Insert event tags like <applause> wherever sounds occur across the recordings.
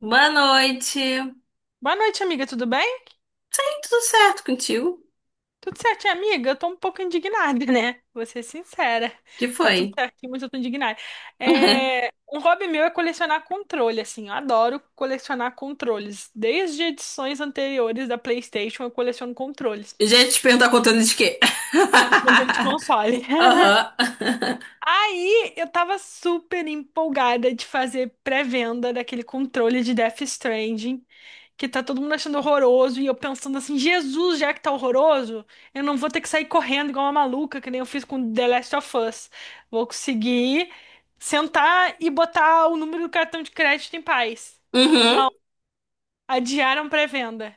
Boa noite. Ei, Boa noite, amiga, tudo bem? tudo certo contigo? Tudo certinho, amiga? Eu tô um pouco indignada, né? Vou ser sincera. Que Tá foi? tudo certinho, mas eu tô indignada. É, <laughs> Um hobby meu é colecionar controle, assim. Eu adoro colecionar controles. Desde edições anteriores da PlayStation, eu coleciono controles. Gente, te perguntar contando de quê? Controle de <laughs> console. <laughs> Aham. <laughs> Aí eu tava super empolgada de fazer pré-venda daquele controle de Death Stranding, que tá todo mundo achando horroroso, e eu pensando assim, Jesus, já que tá horroroso, eu não vou ter que sair correndo igual uma maluca, que nem eu fiz com The Last of Us. Vou conseguir sentar e botar o número do cartão de crédito em paz. Uhum. Adiaram pré-venda.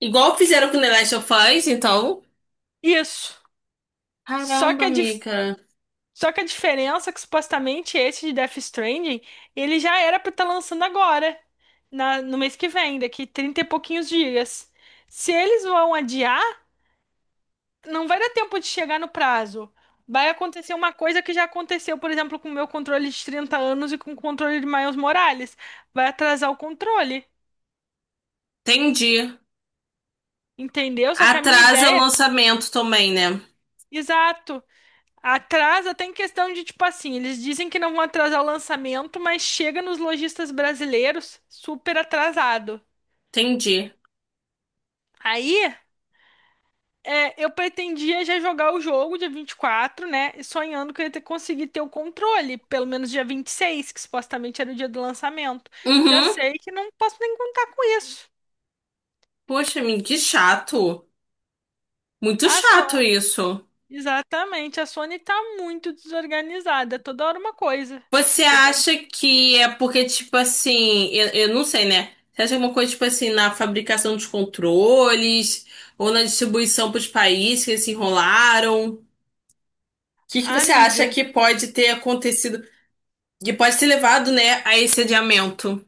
Igual fizeram com The Last of Us, então. Isso. Só Caramba, que a amiga. Só que a diferença é que supostamente esse de Death Stranding, ele já era pra estar lançando agora, no mês que vem, daqui 30 e pouquinhos dias. Se eles vão adiar, não vai dar tempo de chegar no prazo. Vai acontecer uma coisa que já aconteceu, por exemplo, com o meu controle de 30 anos e com o controle de Miles Morales. Vai atrasar o controle, Entendi. entendeu? Só que a minha Atrasa o ideia, lançamento também, né? exato. Atrasa até em questão de, tipo assim, eles dizem que não vão atrasar o lançamento, mas chega nos lojistas brasileiros super atrasado. Entendi. Aí, eu pretendia já jogar o jogo dia 24, né? E sonhando que eu ia ter, conseguir ter o controle, pelo menos dia 26 que supostamente era o dia do lançamento. Já Uhum. sei que não posso nem contar com isso. Poxa, amiga, que chato. Muito A chato Sony, isso. exatamente, a Sony tá muito desorganizada, toda hora uma coisa. Você Toda hora... acha que é porque, tipo assim, eu não sei, né? Você acha que é uma coisa, tipo assim, na fabricação dos controles ou na distribuição para os países que eles se enrolaram? O que Ah, você acha amiga. que pode ter acontecido, que pode ter levado, né, a esse adiamento?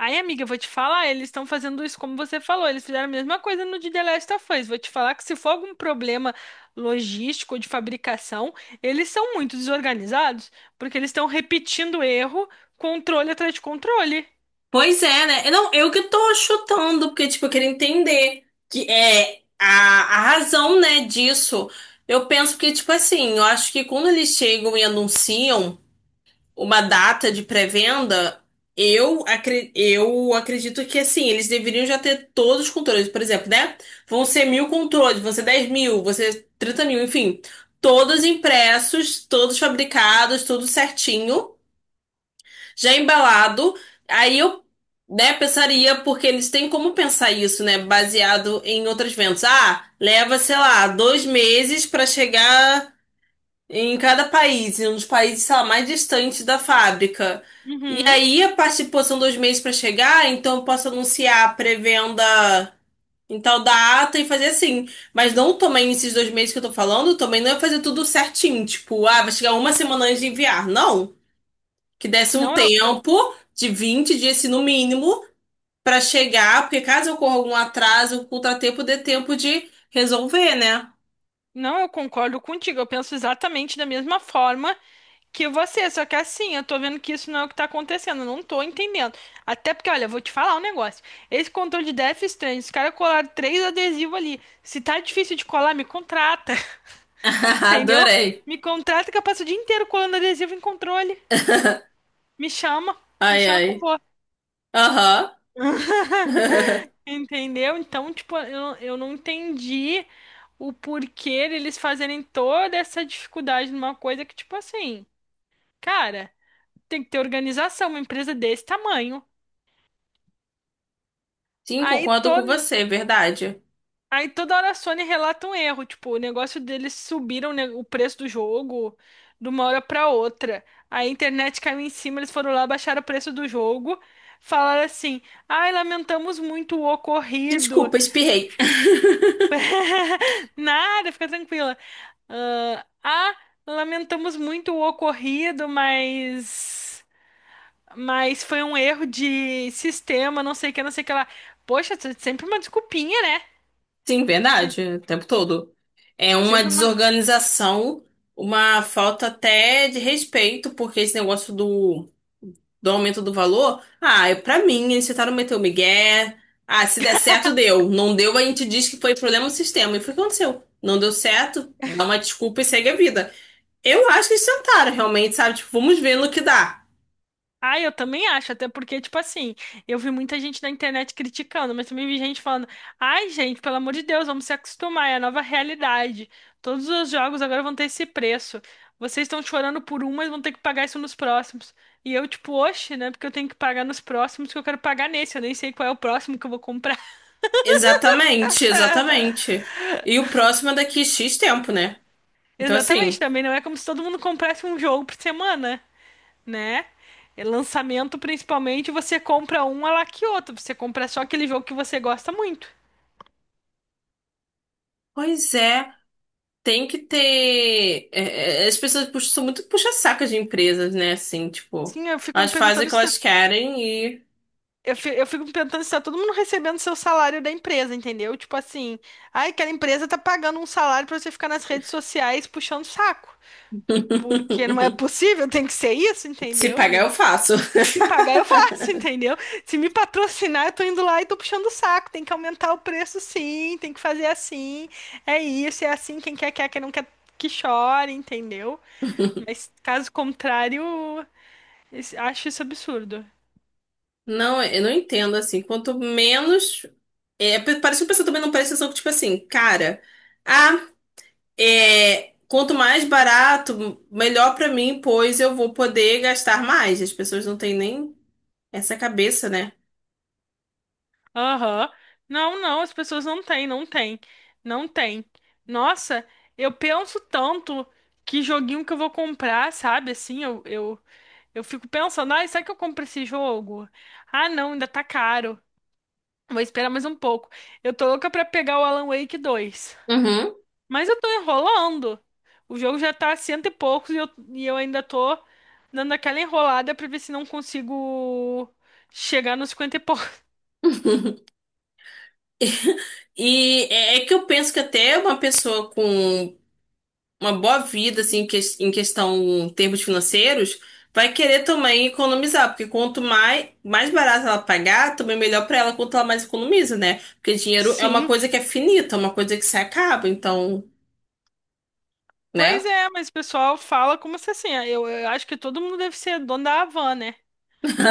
Aí, amiga, eu vou te falar, eles estão fazendo isso como você falou, eles fizeram a mesma coisa no de The Last of Us. Vou te falar que se for algum problema logístico ou de fabricação, eles são muito desorganizados, porque eles estão repetindo erro, controle atrás de controle. Pois é, né? Eu não, eu que tô chutando, porque, tipo, eu queria entender que é a razão, né, disso. Eu penso que, tipo assim, eu acho que quando eles chegam e anunciam uma data de pré-venda, eu, eu acredito que assim, eles deveriam já ter todos os controles. Por exemplo, né? Vão ser mil controles, vão ser 10 mil, vão ser 30 mil, enfim. Todos impressos, todos fabricados, tudo certinho, já embalado. Aí eu, né, pensaria, porque eles têm como pensar isso, né? Baseado em outras vendas. Ah, leva, sei lá, dois meses para chegar em cada país, em um dos países, sei lá, mais distantes da fábrica. E Uhum. aí, a participação são dois meses para chegar, então eu posso anunciar a pré-venda em tal data e fazer assim. Mas não, também esses dois meses que eu tô falando, também não é fazer tudo certinho. Tipo, ah, vai chegar uma semana antes de enviar. Não. Que desse um Não, eu, eu- tempo de 20 dias, se no mínimo, para chegar, porque caso ocorra algum atraso, o contratempo dê tempo de resolver, né? não, eu concordo contigo. Eu penso exatamente da mesma forma que você, só que assim, eu tô vendo que isso não é o que tá acontecendo, eu não tô entendendo. Até porque, olha, eu vou te falar um negócio. Esse controle de Death Stranding, os caras colaram três adesivos ali. Se tá difícil de colar, me contrata. <laughs> <laughs> Entendeu? Adorei. Me contrata que eu passo o dia inteiro colando adesivo em controle. Me chama, me Ai, chama que eu ai. vou. Aham. <laughs> <laughs> Entendeu? Então, tipo, eu não entendi o porquê eles fazerem toda essa dificuldade numa coisa que, tipo assim, cara. Tem que ter organização, uma empresa desse tamanho. Sim, Aí, concordo com to... você, é verdade. Aí toda hora a Sony relata um erro, tipo, o negócio deles subiram, né, o preço do jogo de uma hora pra outra. Aí a internet caiu em cima, eles foram lá, baixaram o preço do jogo, falaram assim: ai, lamentamos muito o ocorrido. Desculpa, espirrei. Nada, fica tranquila. ah, ah, Lamentamos muito o ocorrido, mas. Mas foi um erro de sistema, não sei o que, não sei o que lá. Poxa, sempre uma desculpinha, né? <laughs> Sim, Se- verdade, o tempo todo. É uma Sempre uma. desorganização, uma falta até de respeito, porque esse negócio do, do aumento do valor, ah, é pra mim, eles tentaram meter o migué. Ah, se der certo, deu. Não deu, a gente diz que foi problema do sistema. E foi o que aconteceu. Não deu certo, dá uma desculpa e segue a vida. Eu acho que eles tentaram, realmente, sabe? Tipo, vamos ver no que dá. Ah, eu também acho, até porque, tipo assim, eu vi muita gente na internet criticando, mas também vi gente falando: ai, gente, pelo amor de Deus, vamos se acostumar, é a nova realidade. Todos os jogos agora vão ter esse preço. Vocês estão chorando por um, mas vão ter que pagar isso nos próximos. E eu, tipo, oxe, né? Porque eu tenho que pagar nos próximos, que eu quero pagar nesse, eu nem sei qual é o próximo que eu vou comprar. Exatamente, exatamente. E o próximo é daqui X tempo, né? <laughs> Então, Exatamente, assim, também não é como se todo mundo comprasse um jogo por semana, né? É lançamento, principalmente, você compra um, ela que outro. Você compra só aquele jogo que você gosta muito. pois é, tem que ter. As pessoas puxam, são muito puxa-saca de empresas, né? Assim, tipo, Sim, elas fazem o que elas querem e eu fico me perguntando se tá todo mundo recebendo seu salário da empresa, entendeu? Tipo assim, ai, aquela empresa tá pagando um salário pra você ficar nas redes sociais puxando saco. Porque não é possível, <laughs> tem que ser isso, se entendeu, pagar eu amiga? faço. Se <laughs> pagar, eu faço, entendeu? Se me patrocinar, eu tô indo lá e tô puxando o saco. Tem que aumentar o preço, sim. Tem que fazer assim. É isso, é assim. Quem quer, quer. Quem não quer, que chore, entendeu? Mas caso contrário, acho isso absurdo. Não, eu não entendo, assim, quanto menos. É, parece que o pessoal também não presta atenção que, tipo assim, cara. ah, É, quanto mais barato, melhor pra mim, pois eu vou poder gastar mais. As pessoas não têm nem essa cabeça, né? Aham. Não, não, as pessoas não têm, não têm. Não têm. Nossa, eu penso tanto que joguinho que eu vou comprar, sabe? Assim, eu fico pensando, ai, será que eu compro esse jogo? Ah, não, ainda tá caro. Vou esperar mais um pouco. Eu tô louca pra pegar o Alan Wake 2. Uhum. Mas eu tô enrolando. O jogo já tá a cento e poucos e e eu ainda tô dando aquela enrolada pra ver se não consigo chegar nos 50 e poucos. E que eu penso que até uma pessoa com uma boa vida, assim, em questão termos financeiros, vai querer também economizar, porque quanto mais, mais barato ela pagar, também melhor pra ela quanto ela mais economiza, né? Porque <laughs> dinheiro é uma Sim. coisa que é finita, é uma coisa que se acaba, então, Pois né? é, mas o pessoal fala como se assim. Eu acho que todo mundo deve ser dono da Havan, né?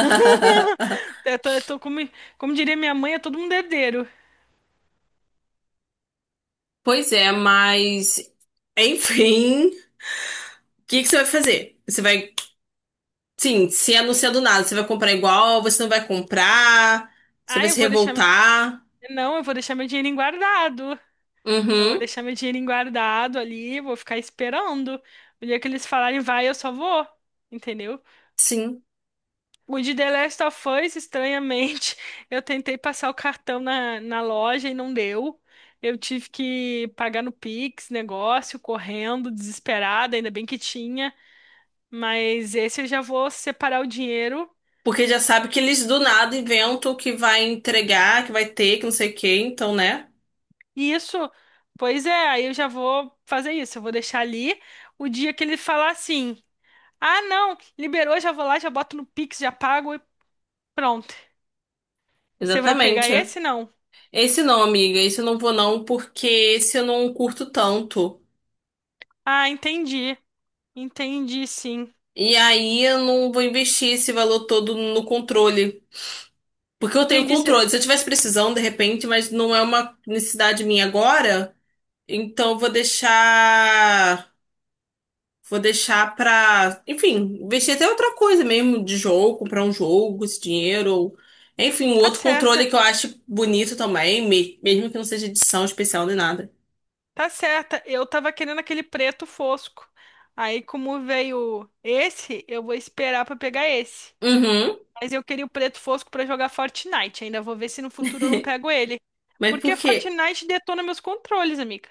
<laughs> Eu tô, eu tô como, como diria minha mãe, é todo mundo herdeiro. Pois é, mas enfim, o que você vai fazer? Você vai, sim, se anunciar do nada, você vai comprar igual, você não vai comprar, você Ah, vai eu se vou deixar. Meu- revoltar. Não, eu vou deixar meu dinheirinho guardado. Eu vou Uhum, deixar meu dinheirinho guardado ali, vou ficar esperando. O dia que eles falarem vai, eu só vou. Entendeu? sim. O de The Last of Us, estranhamente, <laughs> eu tentei passar o cartão na loja e não deu. Eu tive que pagar no Pix, negócio, correndo, desesperada, ainda bem que tinha. Mas esse eu já vou separar o dinheiro. Porque já sabe que eles do nada inventam que vai entregar, que vai ter, que não sei o quê, então, né? E isso, pois é, aí eu já vou fazer isso. Eu vou deixar ali. O dia que ele falar assim. Ah, não, liberou, já vou lá, já boto no Pix, já pago e pronto. Você vai pegar Exatamente. esse, não? Esse não, amiga, esse eu não vou não, porque esse eu não curto tanto. Ah, entendi. Entendi, sim. E aí eu não vou investir esse valor todo no controle. Porque eu tenho Entendi. Controle. Se eu tivesse precisando, de repente, mas não é uma necessidade minha agora, então eu vou deixar. Vou deixar pra. Enfim, investir até em outra coisa mesmo, de jogo, comprar um jogo, com esse dinheiro, ou. Enfim, um Tá outro controle certa, que eu acho bonito também, mesmo que não seja edição especial nem nada. tá certa. Eu tava querendo aquele preto fosco. Aí, como veio esse, eu vou esperar pra pegar esse. Uhum. Mas eu queria o preto fosco pra jogar Fortnite. Ainda vou ver se no futuro eu não <laughs> pego ele. Mas por Porque quê? Fortnite detona meus controles, amiga.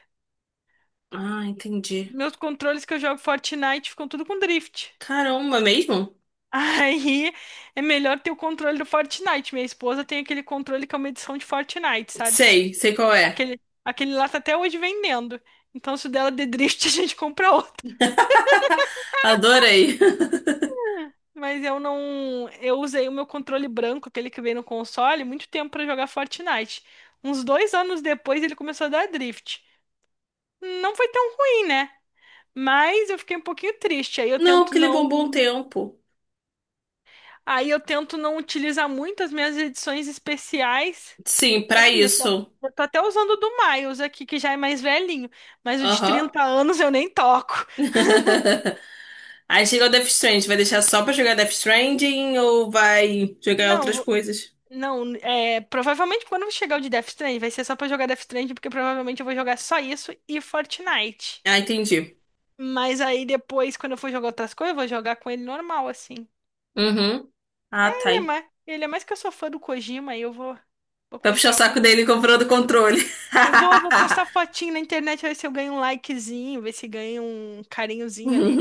Ah, entendi. Meus controles que eu jogo Fortnite ficam tudo com drift. Caramba, mesmo? Aí é melhor ter o controle do Fortnite. Minha esposa tem aquele controle que é uma edição de Fortnite, sabe? Sei, sei qual é. Aquele lá tá até hoje vendendo. Então, se o dela der drift, <laughs> a gente compra outro. Adorei. Mas eu não. Eu usei o meu controle branco, aquele que veio no console, muito tempo pra jogar Fortnite. Uns 2 anos depois ele começou a dar drift. Não foi tão ruim, né? Mas eu fiquei um pouquinho triste. <laughs> Não, porque levou um bom tempo. Aí eu tento não utilizar muito as minhas edições especiais. Sim, É pra isso. isso. Eu tô até usando o do Miles aqui, que já é mais velhinho, mas o de Aham. 30 anos eu nem toco. <laughs> Aí chega o Death Stranding, vai deixar só pra jogar Death Stranding ou vai jogar Não, outras vou- coisas? não, provavelmente quando chegar o de Death Stranding, vai ser só pra jogar Death Stranding, porque provavelmente eu vou jogar só isso e Fortnite. Ah, entendi. Mas aí depois, quando eu for jogar outras coisas, eu vou jogar com ele normal, assim. Uhum. Ah, tá Ele é aí. mais, ele é mais que eu sou fã do Kojima, aí eu vou Pra puxar o comprar o saco controle. dele comprando controle. <laughs> Eu vou postar fotinho na internet, ver se eu ganho um likezinho, ver se ganho um carinhozinho ali.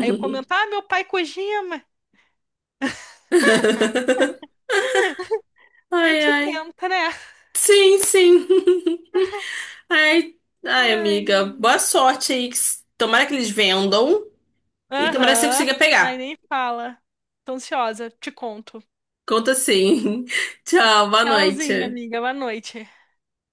Aí eu comento, ah, meu pai Kojima. A Ai, gente ai. tenta, né? Sim, sim. <laughs> Ai, ai, Ai. amiga. Boa sorte aí. Tomara que eles vendam e tomara que você Aham. consiga Ai, pegar. nem fala. Tô ansiosa. Te conto. Conta sim. <laughs> Tchau, boa Tchauzinho, noite. amiga. Boa noite.